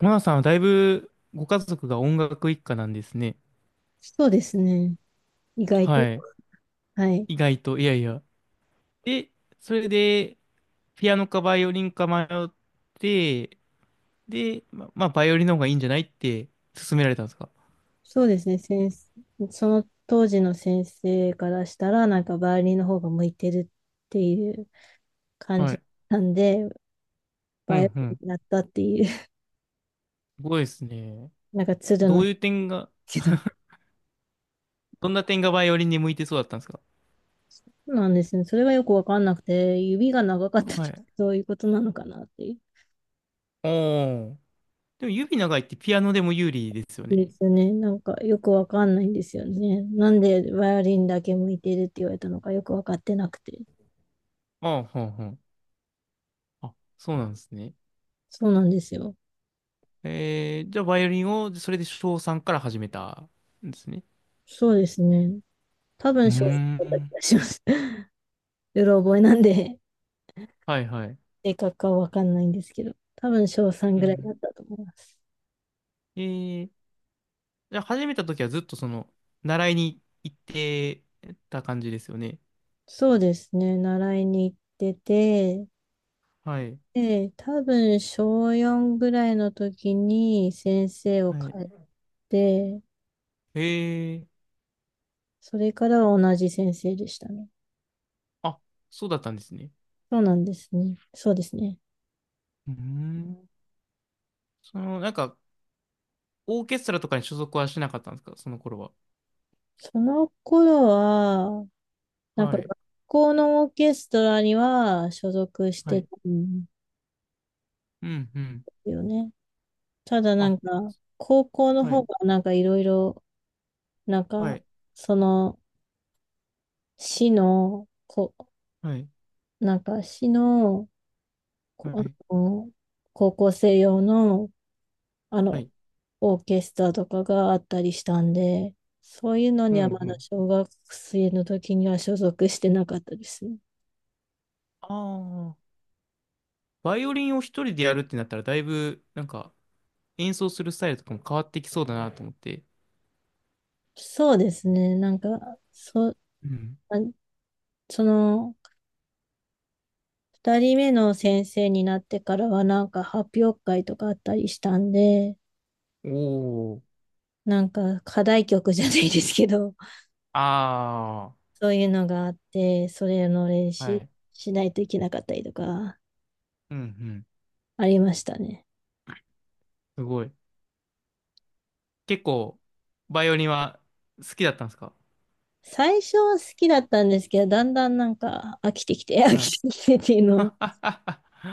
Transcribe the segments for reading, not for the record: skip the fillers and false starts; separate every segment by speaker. Speaker 1: モナさんはだいぶご家族が音楽一家なんですね。
Speaker 2: そうですね。意外
Speaker 1: は
Speaker 2: と。
Speaker 1: い。
Speaker 2: はい。
Speaker 1: 意外と、いやいや。で、それで、ピアノかバイオリンか迷って、で、まあ、バイオリンの方がいいんじゃないって勧められたんですか？
Speaker 2: そうですね。先生、その当時の先生からしたら、なんかバイオリンの方が向いてるっていう感
Speaker 1: は
Speaker 2: じ
Speaker 1: い。
Speaker 2: なんで、
Speaker 1: う
Speaker 2: バイオ
Speaker 1: ん
Speaker 2: リ
Speaker 1: う
Speaker 2: ン
Speaker 1: ん。
Speaker 2: になったっていう。
Speaker 1: すごいですね。
Speaker 2: なんか鶴
Speaker 1: ど
Speaker 2: の
Speaker 1: ういう点が、
Speaker 2: 人
Speaker 1: どんな点がバイオリンに向いてそうだったんですか？
Speaker 2: なんですね。それがよくわかんなくて、指が長かったと、
Speaker 1: はい。
Speaker 2: そういうことなのかなっていう。
Speaker 1: おー。でも指長いってピアノでも有利ですよね。
Speaker 2: ですよね。なんかよくわかんないんですよね。なんでバイオリンだけ向いてるって言われたのかよくわかってなくて。
Speaker 1: ああ、はんはん。あ、そうなんですね。
Speaker 2: そうなんですよ。
Speaker 1: えー、じゃあ、バイオリンを、それで小さんから始めたんですね。
Speaker 2: そうですね。多
Speaker 1: う
Speaker 2: 分
Speaker 1: ー
Speaker 2: 少3だった
Speaker 1: ん。
Speaker 2: 気がします。うろ覚えなんで、
Speaker 1: はいはい。
Speaker 2: 正確かはわかんないんですけど、多分小3
Speaker 1: う
Speaker 2: ぐらいだ
Speaker 1: ん。
Speaker 2: ったと思います。
Speaker 1: えー、じゃあ、始めた時はずっと習いに行ってた感じですよね。
Speaker 2: そうですね、習いに行ってて、
Speaker 1: はい。
Speaker 2: で、多分小4ぐらいの時に先生を
Speaker 1: は
Speaker 2: 変え
Speaker 1: い。
Speaker 2: て、
Speaker 1: えー、
Speaker 2: それからは同じ先生でしたね。
Speaker 1: あ、そうだったんですね。
Speaker 2: そうなんですね。そうですね。
Speaker 1: うーん。その、なんか、オーケストラとかに所属はしなかったんですか、その頃は。
Speaker 2: その頃は、なんか
Speaker 1: は
Speaker 2: 学
Speaker 1: い。
Speaker 2: 校のオーケストラには所属し
Speaker 1: は
Speaker 2: てた
Speaker 1: い。
Speaker 2: んで
Speaker 1: うん、うん。
Speaker 2: すよね。ただな
Speaker 1: あ、
Speaker 2: んか、高校の
Speaker 1: は
Speaker 2: 方
Speaker 1: い。
Speaker 2: がなんかいろいろ、なん
Speaker 1: は
Speaker 2: か、
Speaker 1: い。
Speaker 2: その、市の、こ、
Speaker 1: はい。
Speaker 2: 市の、こ
Speaker 1: は
Speaker 2: あ
Speaker 1: い。
Speaker 2: の、高校生用の、あ
Speaker 1: は
Speaker 2: の、
Speaker 1: い。
Speaker 2: オーケストラとかがあったりしたんで、そういうの
Speaker 1: う
Speaker 2: にはま
Speaker 1: ん、う
Speaker 2: だ
Speaker 1: ん。
Speaker 2: 小学生の時には所属してなかったですね。
Speaker 1: ああ。バイオリンを一人でやるってなったら、だいぶ、なんか、演奏するスタイルとかも変わってきそうだなと思って。
Speaker 2: そうですね。なんか、あ
Speaker 1: うん。
Speaker 2: その、二人目の先生になってからはなんか発表会とかあったりしたんで、
Speaker 1: おお、
Speaker 2: なんか課題曲じゃないですけど、
Speaker 1: あ
Speaker 2: そういうのがあって、それの練
Speaker 1: あ、は
Speaker 2: 習
Speaker 1: い。
Speaker 2: しないといけなかったりとか、
Speaker 1: うんうん。
Speaker 2: ありましたね。
Speaker 1: すごい。結構、バイオリンは好きだったんですか？
Speaker 2: 最初は好きだったんですけど、だんだんなんか飽きてきて、飽
Speaker 1: はい。
Speaker 2: きてきてっていう
Speaker 1: は
Speaker 2: のを、
Speaker 1: っはっ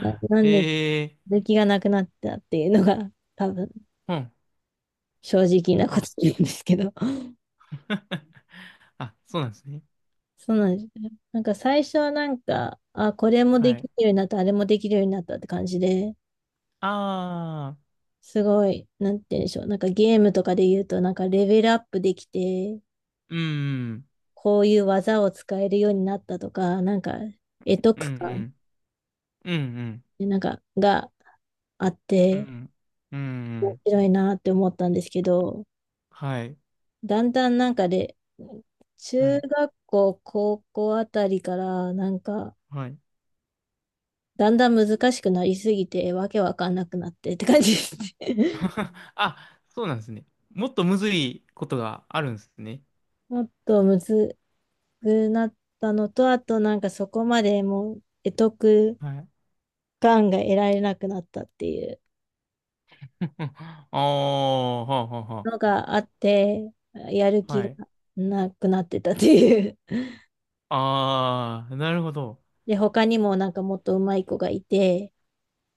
Speaker 2: ななんで、
Speaker 1: ええ
Speaker 2: 続きがなくなったっていうのが、多分、
Speaker 1: ー、うん。
Speaker 2: 正直なこと
Speaker 1: あ、
Speaker 2: なんですけど。
Speaker 1: あ、そうなんですね。
Speaker 2: そうなんですね。なんか最初はなんか、あ、これもで
Speaker 1: は
Speaker 2: きる
Speaker 1: い。
Speaker 2: ようになった、あれもできるようになったって感じで、
Speaker 1: ああ、
Speaker 2: すごい、なんて言うんでしょう。なんかゲームとかで言うと、なんかレベルアップできて、
Speaker 1: うん、
Speaker 2: こういう技を使えるようになったとか、なんか得
Speaker 1: う
Speaker 2: 得感、
Speaker 1: ん、うん、うん、うん、
Speaker 2: なんかがあっ
Speaker 1: う
Speaker 2: て、
Speaker 1: ん、うん、うんう
Speaker 2: 面
Speaker 1: ん、
Speaker 2: 白いなって思ったんですけど、
Speaker 1: はい、
Speaker 2: だんだんなんかで、
Speaker 1: は
Speaker 2: 中
Speaker 1: い、
Speaker 2: 学校、高校あたりから、なんか、
Speaker 1: はい。
Speaker 2: だんだん難しくなりすぎて、わけわかんなくなってって感じですね。
Speaker 1: あ、そうなんですね。もっとむずいことがあるんですね。
Speaker 2: もっとむずくなったのと、あとなんかそこまでもう、得得
Speaker 1: はい。
Speaker 2: がんが得られなくなったっていう
Speaker 1: ああ、はあはあは
Speaker 2: のがあって、やる
Speaker 1: あ。
Speaker 2: 気
Speaker 1: は
Speaker 2: が
Speaker 1: い。
Speaker 2: なくなってたっていう。
Speaker 1: ああ、なるほど。
Speaker 2: で、他にもなんかもっと上手い子がいて、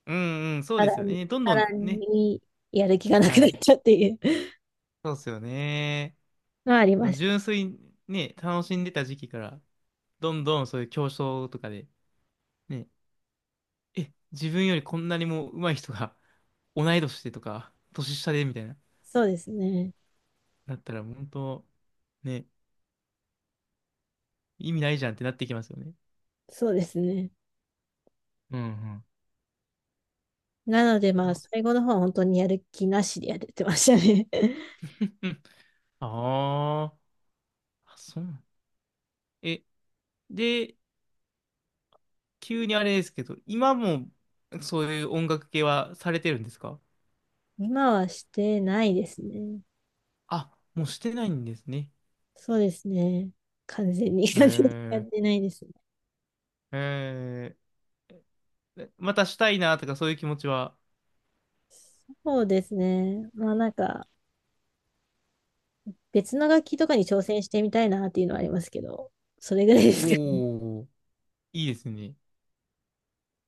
Speaker 1: うんうん、そう
Speaker 2: さ
Speaker 1: で
Speaker 2: ら
Speaker 1: すよ
Speaker 2: に、
Speaker 1: ね。どん
Speaker 2: さ
Speaker 1: どん
Speaker 2: ら
Speaker 1: ね。
Speaker 2: にやる気がなく
Speaker 1: は
Speaker 2: なっ
Speaker 1: い。
Speaker 2: ちゃうっていう
Speaker 1: そうですよね。
Speaker 2: のはあり
Speaker 1: そ
Speaker 2: ま
Speaker 1: の
Speaker 2: した。
Speaker 1: 純粋にね、楽しんでた時期から、どんどんそういう競争とかで、ね、え、自分よりこんなにも上手い人が同い年でとか、年下でみたいな、
Speaker 2: そうですね。
Speaker 1: なったら、本当ね、意味ないじゃんってなってきますよね。
Speaker 2: そうですね。
Speaker 1: うん
Speaker 2: なので
Speaker 1: う
Speaker 2: まあ、
Speaker 1: ん。
Speaker 2: 最後の方は本当にやる気なしでやれてましたね。
Speaker 1: あーあ、あそうなん。え、で、急にあれですけど、今もそういう音楽系はされてるんですか？
Speaker 2: 今はしてないですね。
Speaker 1: あ、もうしてないんですね。
Speaker 2: そうですね。完全に 完全にやっ
Speaker 1: へ
Speaker 2: てないですね。
Speaker 1: え、へえ、えまたしたいなとかそういう気持ちは？
Speaker 2: そうですね。まあなんか、別の楽器とかに挑戦してみたいなっていうのはありますけど、それぐらいですけど、
Speaker 1: おお、いいですね。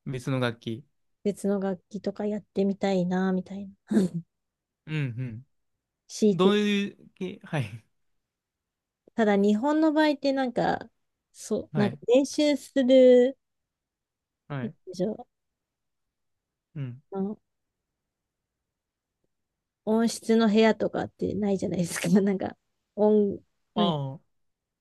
Speaker 1: 別の楽器。
Speaker 2: 別の楽器とかやってみたいな、みたいな。
Speaker 1: うんうん。
Speaker 2: 強い
Speaker 1: ど
Speaker 2: て。
Speaker 1: ういう系、はい、
Speaker 2: ただ日本の場合ってなんか、そう、
Speaker 1: は
Speaker 2: なんか
Speaker 1: い、
Speaker 2: 練習する、
Speaker 1: は
Speaker 2: なん
Speaker 1: い、
Speaker 2: でしょう、
Speaker 1: うん。
Speaker 2: あの音質の部屋とかってないじゃないですか。なんか、音、
Speaker 1: あ
Speaker 2: なんか
Speaker 1: あ、は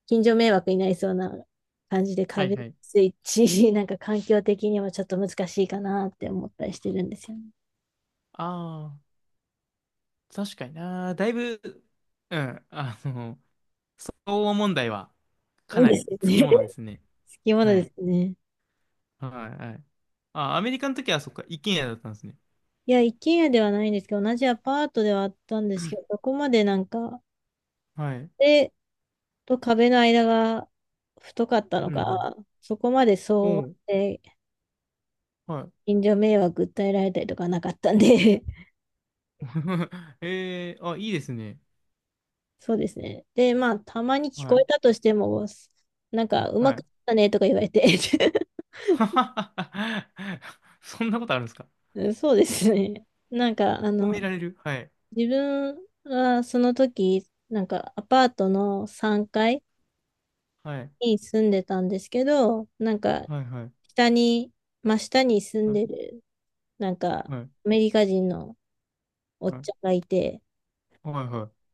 Speaker 2: 近所迷惑になりそうな感じで
Speaker 1: い
Speaker 2: 壁
Speaker 1: はい。
Speaker 2: スイッチ、なんか環境的にはちょっと難しいかなって思ったりしてるんですよね。
Speaker 1: ああ、確かにな。だいぶ、うん、あの、東欧問題はか な
Speaker 2: です
Speaker 1: り
Speaker 2: よ
Speaker 1: つき
Speaker 2: ね。
Speaker 1: も
Speaker 2: 好
Speaker 1: のですね。
Speaker 2: きもの
Speaker 1: は
Speaker 2: で
Speaker 1: い。
Speaker 2: すね。
Speaker 1: はい、はい。あ、アメリカの時はそっか、一軒家だったんですね。
Speaker 2: いや、一軒家ではないんですけど、同じアパートではあったんですけど、そこまでなんか、
Speaker 1: はい。
Speaker 2: 壁と壁の間が太かったの
Speaker 1: うん、
Speaker 2: か、そこまで
Speaker 1: う
Speaker 2: 騒音
Speaker 1: ん。
Speaker 2: で
Speaker 1: おう、はい。
Speaker 2: 近所迷惑訴えられたりとかなかったんで。
Speaker 1: えー、あ、いいですね。
Speaker 2: そうですね。で、まあ、たまに聞
Speaker 1: は
Speaker 2: こえ
Speaker 1: い、
Speaker 2: たとしても、なんか、う
Speaker 1: は
Speaker 2: まくい
Speaker 1: い。
Speaker 2: っ たねとか言われて。
Speaker 1: ははははそんなことあるんですか？
Speaker 2: うん、そうですね。なんか、
Speaker 1: 褒められる、はい、
Speaker 2: 自分はその時、なんかアパートの3階
Speaker 1: はい、
Speaker 2: に住んでたんですけど、なんか、
Speaker 1: はい、はい、
Speaker 2: 下に、真下に住ん
Speaker 1: はい、
Speaker 2: でる、なんか、
Speaker 1: はい、
Speaker 2: アメリカ人のおっ
Speaker 1: はい、は
Speaker 2: ちゃん
Speaker 1: い、
Speaker 2: がいて、
Speaker 1: はい。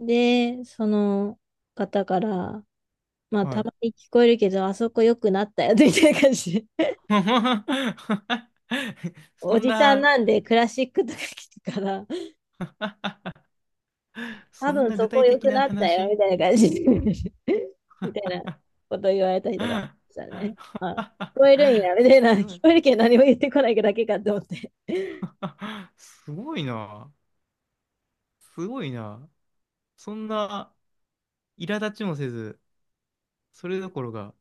Speaker 2: で、その方から、まあ、
Speaker 1: は
Speaker 2: た
Speaker 1: い。
Speaker 2: まに聞こえるけど、あそこ良くなったよ、みたいな感じで。
Speaker 1: そ
Speaker 2: お
Speaker 1: ん
Speaker 2: じさん
Speaker 1: な、
Speaker 2: なんでクラシックとか聞くから、多
Speaker 1: そん
Speaker 2: 分
Speaker 1: な
Speaker 2: そ
Speaker 1: 具
Speaker 2: こ
Speaker 1: 体
Speaker 2: 良
Speaker 1: 的
Speaker 2: く
Speaker 1: な
Speaker 2: なったよ、み
Speaker 1: 話。
Speaker 2: たいな感じで。 みたいなこと言われたりとかし たね。あ、聞こえるんや、みたいな。
Speaker 1: すご
Speaker 2: 聞
Speaker 1: い。
Speaker 2: こえるけど何も言ってこないだけかと思って。
Speaker 1: あすごいな。すごいな。そんな苛立ちもせず、それどころか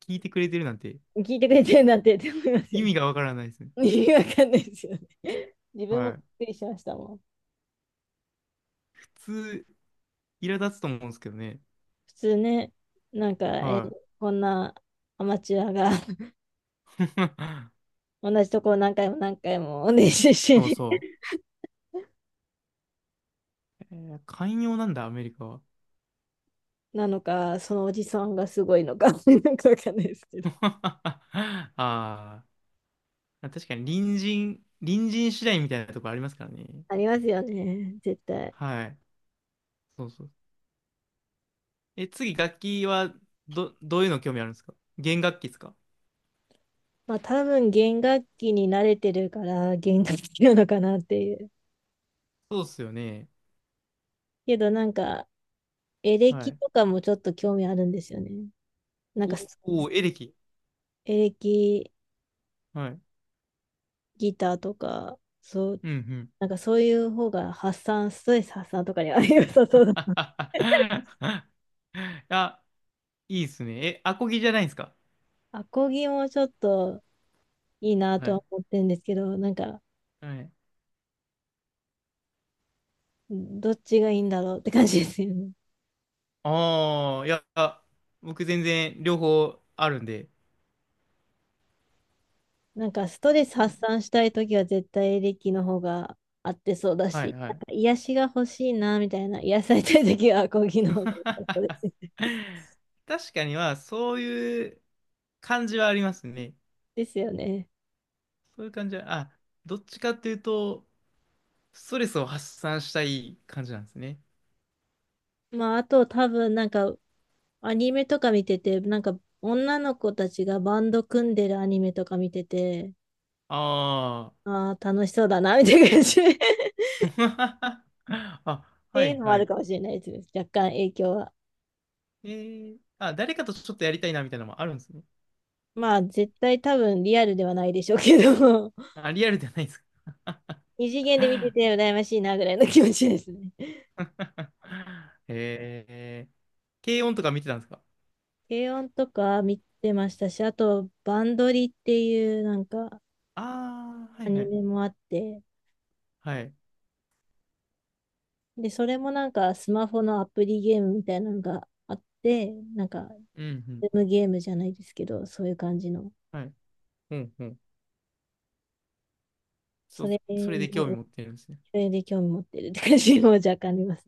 Speaker 1: 聞いてくれてるなんて、
Speaker 2: 聞いてく
Speaker 1: い
Speaker 2: れてるなんてって思いますよ
Speaker 1: 意
Speaker 2: ね。
Speaker 1: 味がわからないですね。
Speaker 2: 意味わかんないですよね。自分
Speaker 1: は
Speaker 2: も
Speaker 1: い。
Speaker 2: びっくりしましたもん。
Speaker 1: 普通、苛立つと思うんですけどね。
Speaker 2: 普通ね、なんか、
Speaker 1: はい。
Speaker 2: こんなアマチュアが 同じとこを何回も何回も練習して
Speaker 1: そう
Speaker 2: ね。
Speaker 1: そう。えー寛容なんだ、アメリカは。
Speaker 2: なのか、そのおじさんがすごいのか。 なんかわかんないですけど。
Speaker 1: ああ、確かに隣人次第みたいなところありますからね。
Speaker 2: ありますよね、絶対。
Speaker 1: はい。そうそう。え、次、楽器はどういうの興味あるんですか？弦楽器ですか？
Speaker 2: まあ多分弦楽器に慣れてるから弦楽器なのかなっていう。
Speaker 1: そうっすよね。
Speaker 2: けどなんかエレ
Speaker 1: は
Speaker 2: キ
Speaker 1: い。
Speaker 2: とかもちょっと興味あるんですよね。なんか
Speaker 1: おお、エレキ。
Speaker 2: エレキ
Speaker 1: はい。
Speaker 2: ギターとか、そう、
Speaker 1: うんうん。
Speaker 2: なんかそういう方がストレス発散とかには 良さそうだな。
Speaker 1: あ、いいっすね。え、アコギじゃないんすか？
Speaker 2: アコギもちょっといいな
Speaker 1: は
Speaker 2: とは
Speaker 1: い。
Speaker 2: 思ってるんですけど、なんか、
Speaker 1: はい。
Speaker 2: どっちがいいんだろうって感じですよね。
Speaker 1: ああ、いや、僕全然両方あるんで。
Speaker 2: なんかストレス発散したいときは絶対エレキの方が合ってそうだ
Speaker 1: はい
Speaker 2: し、
Speaker 1: は
Speaker 2: なん
Speaker 1: い。
Speaker 2: か癒しが欲しいなみたいな、癒されたいときはアコギの方が良さそうで すね。
Speaker 1: 確かには、そういう感じはありますね。
Speaker 2: ですよね。
Speaker 1: そういう感じは、あ、どっちかっていうと、ストレスを発散したい感じなんですね。
Speaker 2: まあ、あと多分なんかアニメとか見てて、なんか女の子たちがバンド組んでるアニメとか見てて、
Speaker 1: ああ。
Speaker 2: ああ、楽しそうだな、みたいな感じ。っ
Speaker 1: あ、は
Speaker 2: ていう
Speaker 1: い
Speaker 2: のもあ
Speaker 1: は
Speaker 2: る
Speaker 1: い。
Speaker 2: かもしれないですね。若干影響は。
Speaker 1: えー、あ、誰かとちょっとやりたいなみたいなのもあるんですね。
Speaker 2: まあ、絶対多分リアルではないでしょうけど、
Speaker 1: あ、リアルじゃないですか。
Speaker 2: 二次元で見てて羨ましいな、ぐらいの気持ちですね。
Speaker 1: えー、軽音とか見てたんですか？
Speaker 2: 軽音とか見てましたし、あと、バンドリっていうなんか
Speaker 1: ああー、は
Speaker 2: ア
Speaker 1: いは
Speaker 2: ニ
Speaker 1: い。
Speaker 2: メもあって、
Speaker 1: はい。
Speaker 2: で、それもなんかスマホのアプリゲームみたいなのがあって、なんか、
Speaker 1: うん、うん。
Speaker 2: ズームゲームじゃないですけど、そういう感じの、
Speaker 1: はい。うん、うん。
Speaker 2: それ
Speaker 1: それで興味
Speaker 2: の
Speaker 1: 持ってるんですね。
Speaker 2: 影響で興味持ってるって感じも若干あります。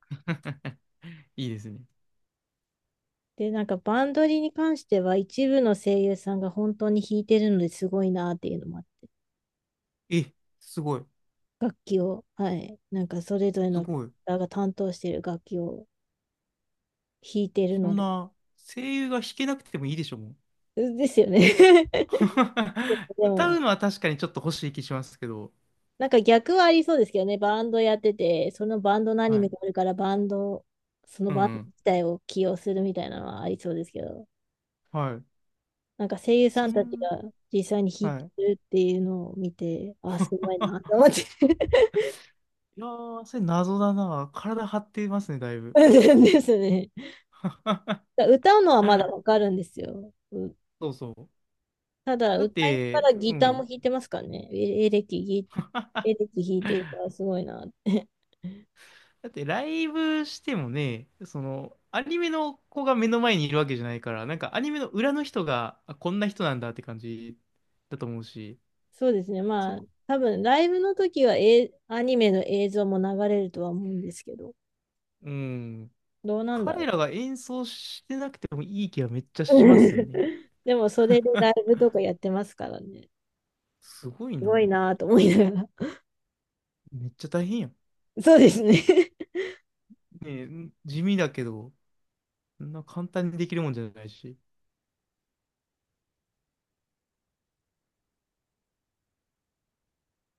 Speaker 1: いいですね。
Speaker 2: で、なんかバンドリに関しては一部の声優さんが本当に弾いてるのですごいなっていうのもあって、
Speaker 1: え、すごい。
Speaker 2: 楽器を、はい、なんかそれぞれ
Speaker 1: す
Speaker 2: のキ
Speaker 1: ごい。
Speaker 2: ターが担当してる楽器を弾いてる
Speaker 1: そ
Speaker 2: の
Speaker 1: ん
Speaker 2: で、
Speaker 1: な、声優が弾けなくてもいいでしょ、もう。
Speaker 2: ですよね。 で
Speaker 1: 歌
Speaker 2: も、
Speaker 1: うのは確かにちょっと欲しい気しますけど。
Speaker 2: なんか逆はありそうですけどね、バンドやってて、そのバンドのアニ
Speaker 1: は
Speaker 2: メ
Speaker 1: い。
Speaker 2: があるから、バンド、その
Speaker 1: うん、う
Speaker 2: バンド
Speaker 1: ん。
Speaker 2: 自体を起用するみたいなのはありそうですけど、
Speaker 1: はい。
Speaker 2: なんか声優さ
Speaker 1: そ
Speaker 2: んたち
Speaker 1: ん、
Speaker 2: が実際に弾い
Speaker 1: は
Speaker 2: て
Speaker 1: い。
Speaker 2: るっていうのを見て、あ、すごいなと 思って。
Speaker 1: いやー、それ謎だな。体張ってますね、だいぶ。
Speaker 2: ですね。歌うのはまだわかるんですよ。
Speaker 1: そうそ
Speaker 2: ただ、
Speaker 1: う。だっ
Speaker 2: 歌いなが
Speaker 1: て、
Speaker 2: ら
Speaker 1: う
Speaker 2: ギターも弾
Speaker 1: ん。
Speaker 2: いてますからね。エレキ弾いてるからすごいなって。
Speaker 1: だって、ライブしてもね、その、アニメの子が目の前にいるわけじゃないから、なんかアニメの裏の人が、あ、こんな人なんだって感じだと思うし、
Speaker 2: そうですね。
Speaker 1: そ、
Speaker 2: まあ、多分ライブの時は、アニメの映像も流れるとは思うんですけど、
Speaker 1: うん。
Speaker 2: どうなんだ
Speaker 1: 彼
Speaker 2: ろ
Speaker 1: らが演奏してなくてもいい気はめっちゃ
Speaker 2: う。
Speaker 1: しますよね。
Speaker 2: でも、それでライ ブとかやってますからね。
Speaker 1: すごい
Speaker 2: すご
Speaker 1: な。
Speaker 2: いなと思いながら。
Speaker 1: めっちゃ大変やん。
Speaker 2: そうですね。
Speaker 1: ねえ、地味だけど、そんな簡単にできるもんじゃないし。